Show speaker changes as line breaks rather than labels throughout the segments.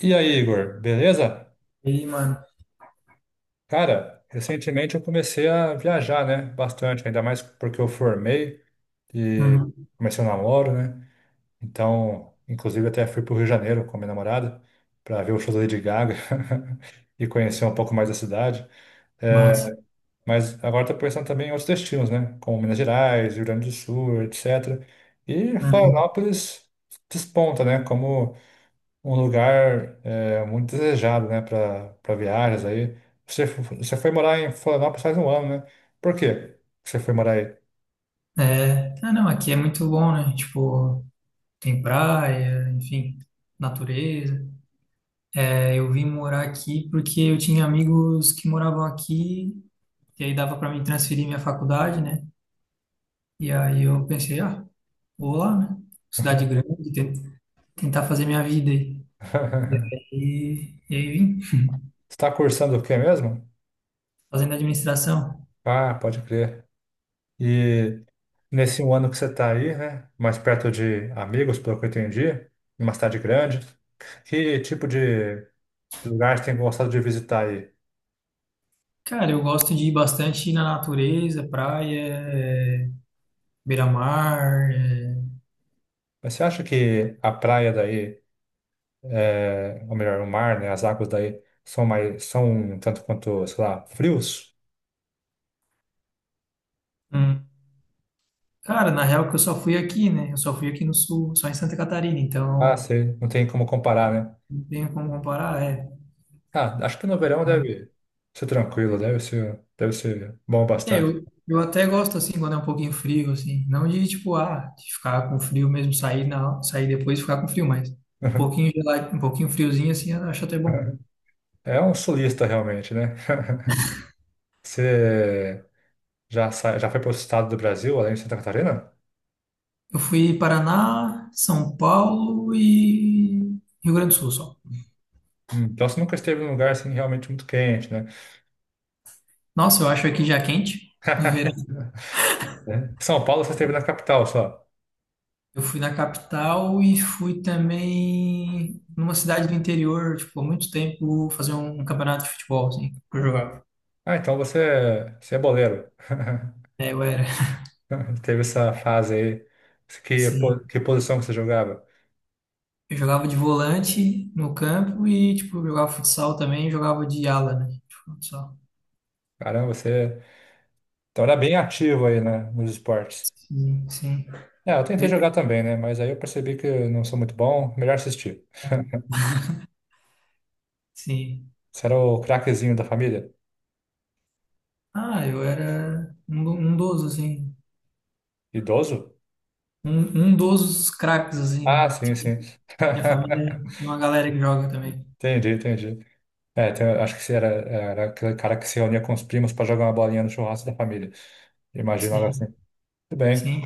E aí, Igor, beleza?
E aí, mano.
Cara, recentemente eu comecei a viajar, né? Bastante, ainda mais porque eu formei e
Uhum.
comecei o namoro, né? Então, inclusive até fui pro Rio de Janeiro com a minha namorada para ver o show da Lady Gaga e conhecer um pouco mais da cidade. É,
Massa.
mas agora tô pensando também em outros destinos, né? Como Minas Gerais, Rio Grande do Sul, etc. E
Uhum.
Florianópolis desponta, né? Como um lugar muito desejado, né, para viagens aí. Você foi morar em Florianópolis faz um ano, né? Por quê que você foi morar aí?
É, ah, não, aqui é muito bom, né? Tipo, tem praia, enfim, natureza. É, eu vim morar aqui porque eu tinha amigos que moravam aqui, e aí dava para mim transferir minha faculdade, né? E aí eu pensei, ah, vou lá, né? Cidade grande, tentar fazer minha vida aí. E aí, e aí vim
Você está cursando o quê mesmo?
fazendo administração.
Ah, pode crer. E nesse um ano que você está aí, né, mais perto de amigos, pelo que eu entendi, numa cidade grande, que tipo de lugar você tem gostado de visitar aí?
Cara, eu gosto de ir bastante na natureza, praia, é, beira-mar, é,
Mas você acha que a praia daí ou melhor, o mar, né, as águas daí são mais, são um tanto quanto, sei lá, frios?
hum. Cara, na real que eu só fui aqui, né? Eu só fui aqui no sul, só em Santa Catarina,
Ah,
então
sei, não tem como comparar, né?
não tenho como comparar, é.
Ah, acho que no verão deve ser tranquilo, deve ser bom
É,
bastante.
eu até gosto assim quando é um pouquinho frio, assim. Não de tipo, ah, de ficar com frio mesmo, sair depois e ficar com frio, mas um pouquinho gelado, um pouquinho friozinho assim, eu acho até bom.
É um sulista realmente, né? Você já foi para o estado do Brasil, além de Santa Catarina?
Eu fui Paraná, São Paulo e Rio Grande do Sul só.
Então você nunca esteve num lugar assim realmente muito quente, né?
Nossa, eu acho aqui já quente no verão.
Né? São Paulo você esteve na capital só.
Eu fui na capital e fui também numa cidade do interior, tipo, há muito tempo, fazer um campeonato de futebol, assim, que eu jogava.
Ah, então você, você é boleiro.
É, eu era,
Teve essa fase aí. Que, po-
sim.
que posição que você jogava?
Eu jogava de volante no campo e, tipo, eu jogava futsal também, jogava de ala, né? De futsal.
Caramba, você então era bem ativo aí, né, nos esportes.
Sim, sim,
É, eu tentei jogar também, né, mas aí eu percebi que eu não sou muito bom, melhor assistir.
sim.
Você era o craquezinho da família?
Ah, eu era um, um dos, assim,
Idoso?
um, um dos craques, assim, né?
Ah, sim, sim.
Minha família tem uma galera que joga também.
Entendi, entendi. É, acho que você era aquele cara que se reunia com os primos para jogar uma bolinha no churrasco da família. Imaginava assim.
Sim,
Tudo bem.
sim.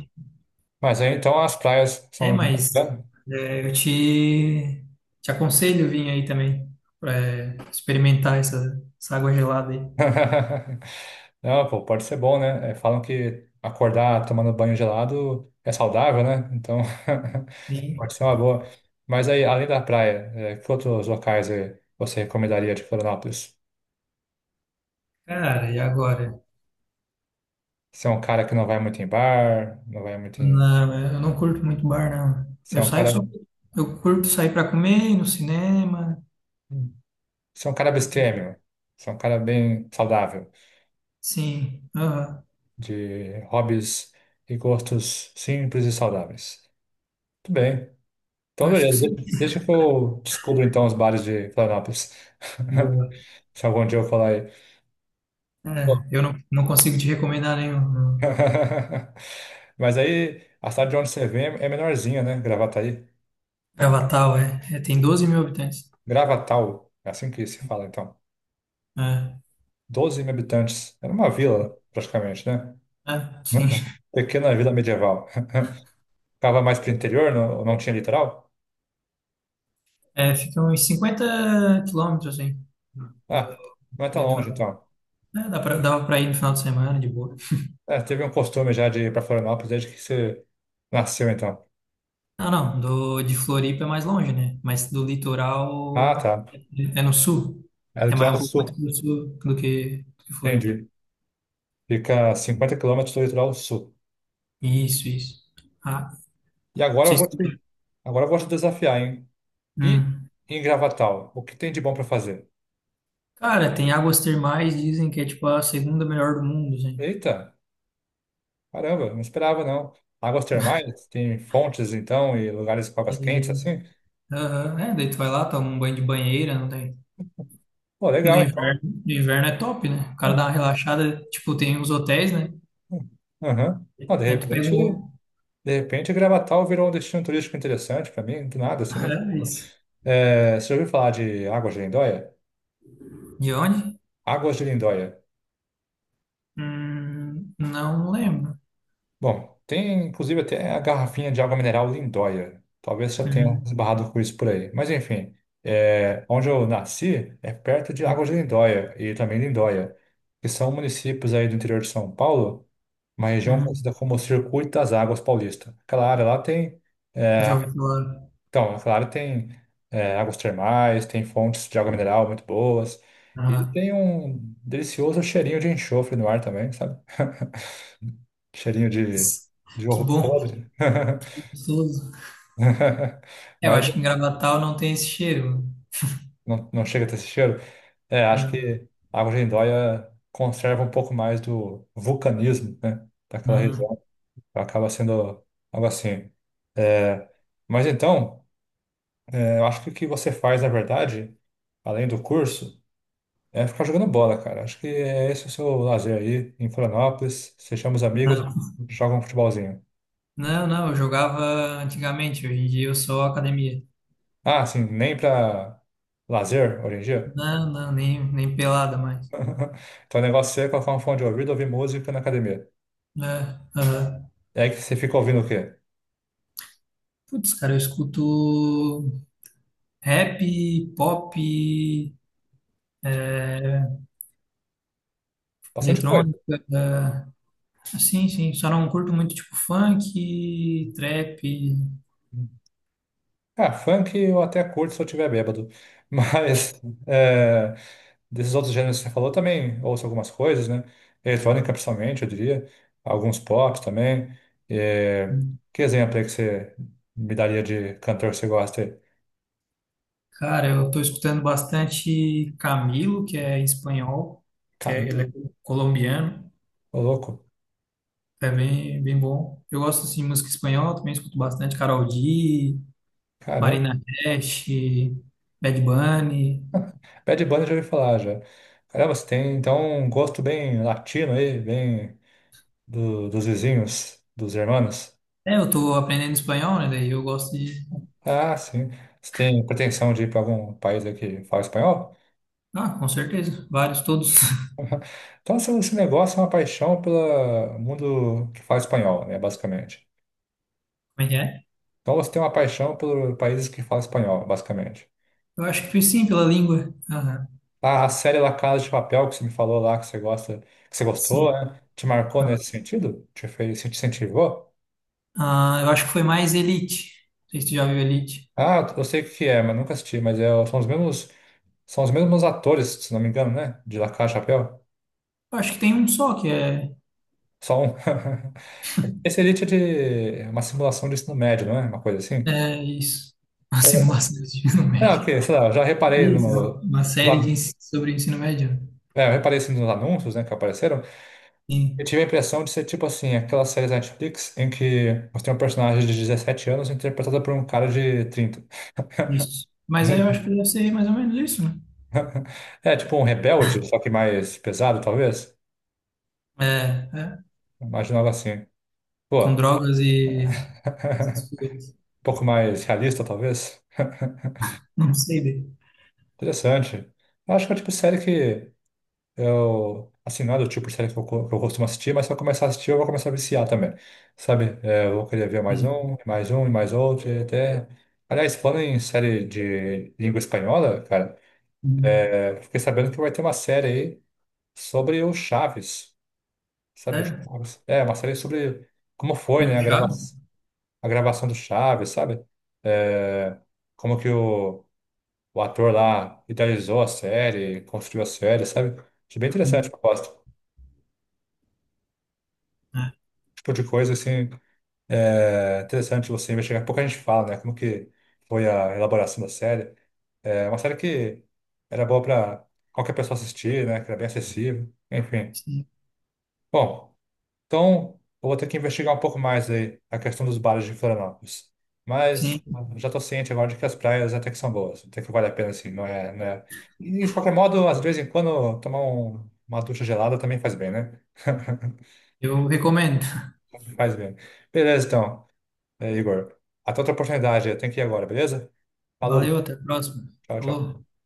Mas aí então as praias
É,
são,
mas
né?
é, te aconselho vir aí também para experimentar essa, essa água gelada aí.
Não, pô, pode ser bom, né? É, falam que acordar tomando banho gelado é saudável, né? Então,
E,
pode ser uma boa. Mas aí, além da praia, que outros locais você recomendaria de Florianópolis?
cara, e agora?
Você é um cara que não vai muito em bar, não vai muito em...
Não, eu não curto muito bar, não.
Você é
Eu
um
saio
cara...
só. Eu curto sair para comer, ir no cinema.
Você é um cara abstêmio. Você é um cara bem saudável,
Sim, aham,
de hobbies e gostos simples e saudáveis. Tudo bem. Então,
acho que
beleza,
sim.
deixa que eu descubro então os bares de Florianópolis.
Boa.
Se algum dia eu falar aí. Bom.
É, eu não, não consigo te recomendar nenhum. Não.
Mas aí, a cidade de onde você vem é menorzinha, né? Gravataí.
Gravatal, é, é. Tem 12.000 habitantes.
Gravatal, é assim que se fala então.
É,
12 mil habitantes. Era uma vila, praticamente, né?
é, sim.
Pequena vila medieval. Ficava mais para o interior, não, não tinha litoral?
É, fica uns 50 quilômetros, assim, do,
Ah, não é
do
tão longe
litoral.
então.
É, dá pra, dava pra ir no final de semana, de boa.
É, teve um costume já de ir para Florianópolis desde que você nasceu então.
Não, não, do, de Floripa é mais longe, né? Mas do
Ah,
litoral
tá.
é no sul.
É
É mais, um
litoral
pouco mais
sul.
pro sul do que Floripa.
Entendi. Fica a 50 quilômetros do litoral sul.
Isso, isso. Ah, não
E agora eu
sei se...
vou te, agora eu vou te desafiar, hein? E
Hum.
em Gravatal, o que tem de bom para fazer?
Cara, tem águas termais, dizem que é tipo a segunda melhor do mundo, gente.
Eita, caramba, não esperava não. Águas termais, tem fontes então e lugares com águas quentes
E-
assim?
Aham, é, daí tu vai lá, toma um banho de banheira, não tem.
Pô,
No
legal então.
inverno, no inverno é top, né? O cara
Hum,
dá uma relaxada, tipo, tem uns hotéis, né?
hum, aham. Ó,
Aí tu pega um.
de repente Gravatal virou um destino turístico interessante para mim, do nada assim,
Ah,
nem.
é isso.
É, você já ouviu falar de Águas de Lindóia?
De onde?
Águas de Lindóia.
Não lembro.
Bom, tem inclusive até a garrafinha de água mineral Lindóia. Talvez já tenha
Uhum,
esbarrado com isso por aí. Mas enfim, é, onde eu nasci é perto de Águas de
uhum.
Lindóia e também Lindóia, que são municípios aí do interior de São Paulo, uma região conhecida
Uhum.
como Circuito das Águas Paulista. Aquela área lá tem é,
Já ouvi falar.
então, a Clara tem águas termais, tem fontes de água mineral muito boas e
Ah,
tem um delicioso cheirinho de enxofre no ar também, sabe? Cheirinho de
que
ovo
bom, que
podre.
gostoso. É, eu
Mas
acho que em Gravatal não tem esse cheiro.
não, não chega a ter esse cheiro. É, acho
Não,
que a água de Lindóia conserva um pouco mais do vulcanismo, né? Daquela
hum,
região. Acaba sendo algo assim. É, mas então, é, eu acho que o que você faz, na verdade, além do curso. É ficar jogando bola, cara. Acho que é esse o seu lazer aí em Florianópolis. Você chama os amigos,
não,
joga um futebolzinho.
não, eu jogava antigamente, hoje em dia eu sou academia.
Ah, assim, nem pra lazer hoje em dia?
Não, não, nem pelada mais.
Então o negócio é colocar um fone de ouvido, e ouvir música na academia.
É, aham.
E aí que você fica ouvindo o quê?
Putz, cara, eu escuto rap, pop, é,
Bastante coisa.
eletrônica. É, sim, sim, só não curto muito tipo funk, trap.
Ah, funk eu até curto se eu estiver bêbado. Mas, é, desses outros gêneros que você falou também ouço algumas coisas, né? Eletrônica, principalmente, eu diria. Alguns pops também. É, Que exemplo aí que você me daria de cantor que você gosta aí?
Cara, eu tô escutando bastante Camilo, que é espanhol, que
Ca-
é, ele é colombiano,
Ô, louco.
é bem bom. Eu gosto assim, de música espanhola, também escuto bastante Karol G,
Caramba.
Marina Cash, Bad Bunny.
Bad Bunny eu já ouvi falar, já. Caramba, você tem, então, um gosto bem latino aí, bem dos vizinhos, dos irmãos.
É, eu tô aprendendo espanhol, né? Daí eu gosto de.
Ah, sim. Você tem pretensão de ir para algum país aí que fala espanhol?
Ah, com certeza, vários, todos.
Então, esse negócio é uma paixão pelo mundo que fala espanhol, né, basicamente.
Como é que é?
Então você tem uma paixão por países que falam espanhol, basicamente.
Eu acho que foi sim, pela língua. Aham,
Ah, a série La Casa de Papel que você me falou lá que você gosta, que você gostou,
sim.
né? Te marcou nesse sentido? Te fez, te incentivou?
Ah, eu acho que foi mais Elite. Não sei se tu já viu Elite.
Ah, eu sei o que é, mas nunca assisti, mas é, são os mesmos atores, se não me engano, né? De La Casa de Papel.
Eu acho que tem um só que é.
Só um. Esse Elite é de é uma simulação de ensino médio, não é? Uma coisa assim.
É isso. Uma simulação de ensino
Ah,
médio.
ok, sei lá, eu já reparei
Isso, é
no.
uma série
lá-
sobre ensino médio.
É, eu reparei assim, nos anúncios, né, que apareceram. Eu
Sim,
tive a impressão de ser tipo assim, aquelas séries da Netflix em que você tem um personagem de 17 anos interpretado por um cara de 30.
isso. Mas aí eu acho que deve ser mais ou menos isso, né?
É tipo um rebelde, só que mais pesado, talvez.
É, é.
Imaginava assim.
Com
Pô,
drogas e essas
um
coisas.
pouco mais realista, talvez.
Não sei, bem.
Interessante. Eu acho que é o tipo de série que eu, assim, não é do tipo de série que eu, que eu costumo assistir, mas se eu começar a assistir, eu vou começar a viciar também, sabe? É, eu vou querer ver mais
Hum,
um, e mais um, e mais outro, e até... Aliás, falando em série de língua espanhola, cara,
hum.
é, eu fiquei sabendo que vai ter uma série aí sobre o Chaves, sabe? O
É,
Chaves. É, uma série sobre como foi,
um
né,
puxado.
a gravação do Chaves, sabe? É, como que o ator lá idealizou a série, construiu a série, sabe? Achei bem interessante a
Hum,
proposta.
é,
Tipo de coisa, assim. É interessante você investigar. Pouco a gente fala, né? Como que foi a elaboração da série. É uma série que era boa para qualquer pessoa assistir, né? Que era bem acessível. Enfim.
sim,
Bom, então eu vou ter que investigar um pouco mais aí a questão dos bares de Florianópolis. Mas
sim.
já estou ciente agora de que as praias até que são boas. Até que vale a pena, assim, não é, não é... E de qualquer modo, às vezes em quando tomar uma ducha gelada também faz bem, né?
Eu recomendo.
Faz bem. Beleza, então. É, Igor. Até outra oportunidade. Eu tenho que ir agora, beleza?
Valeu,
Falou.
até a próxima.
Tchau, tchau.
Falou.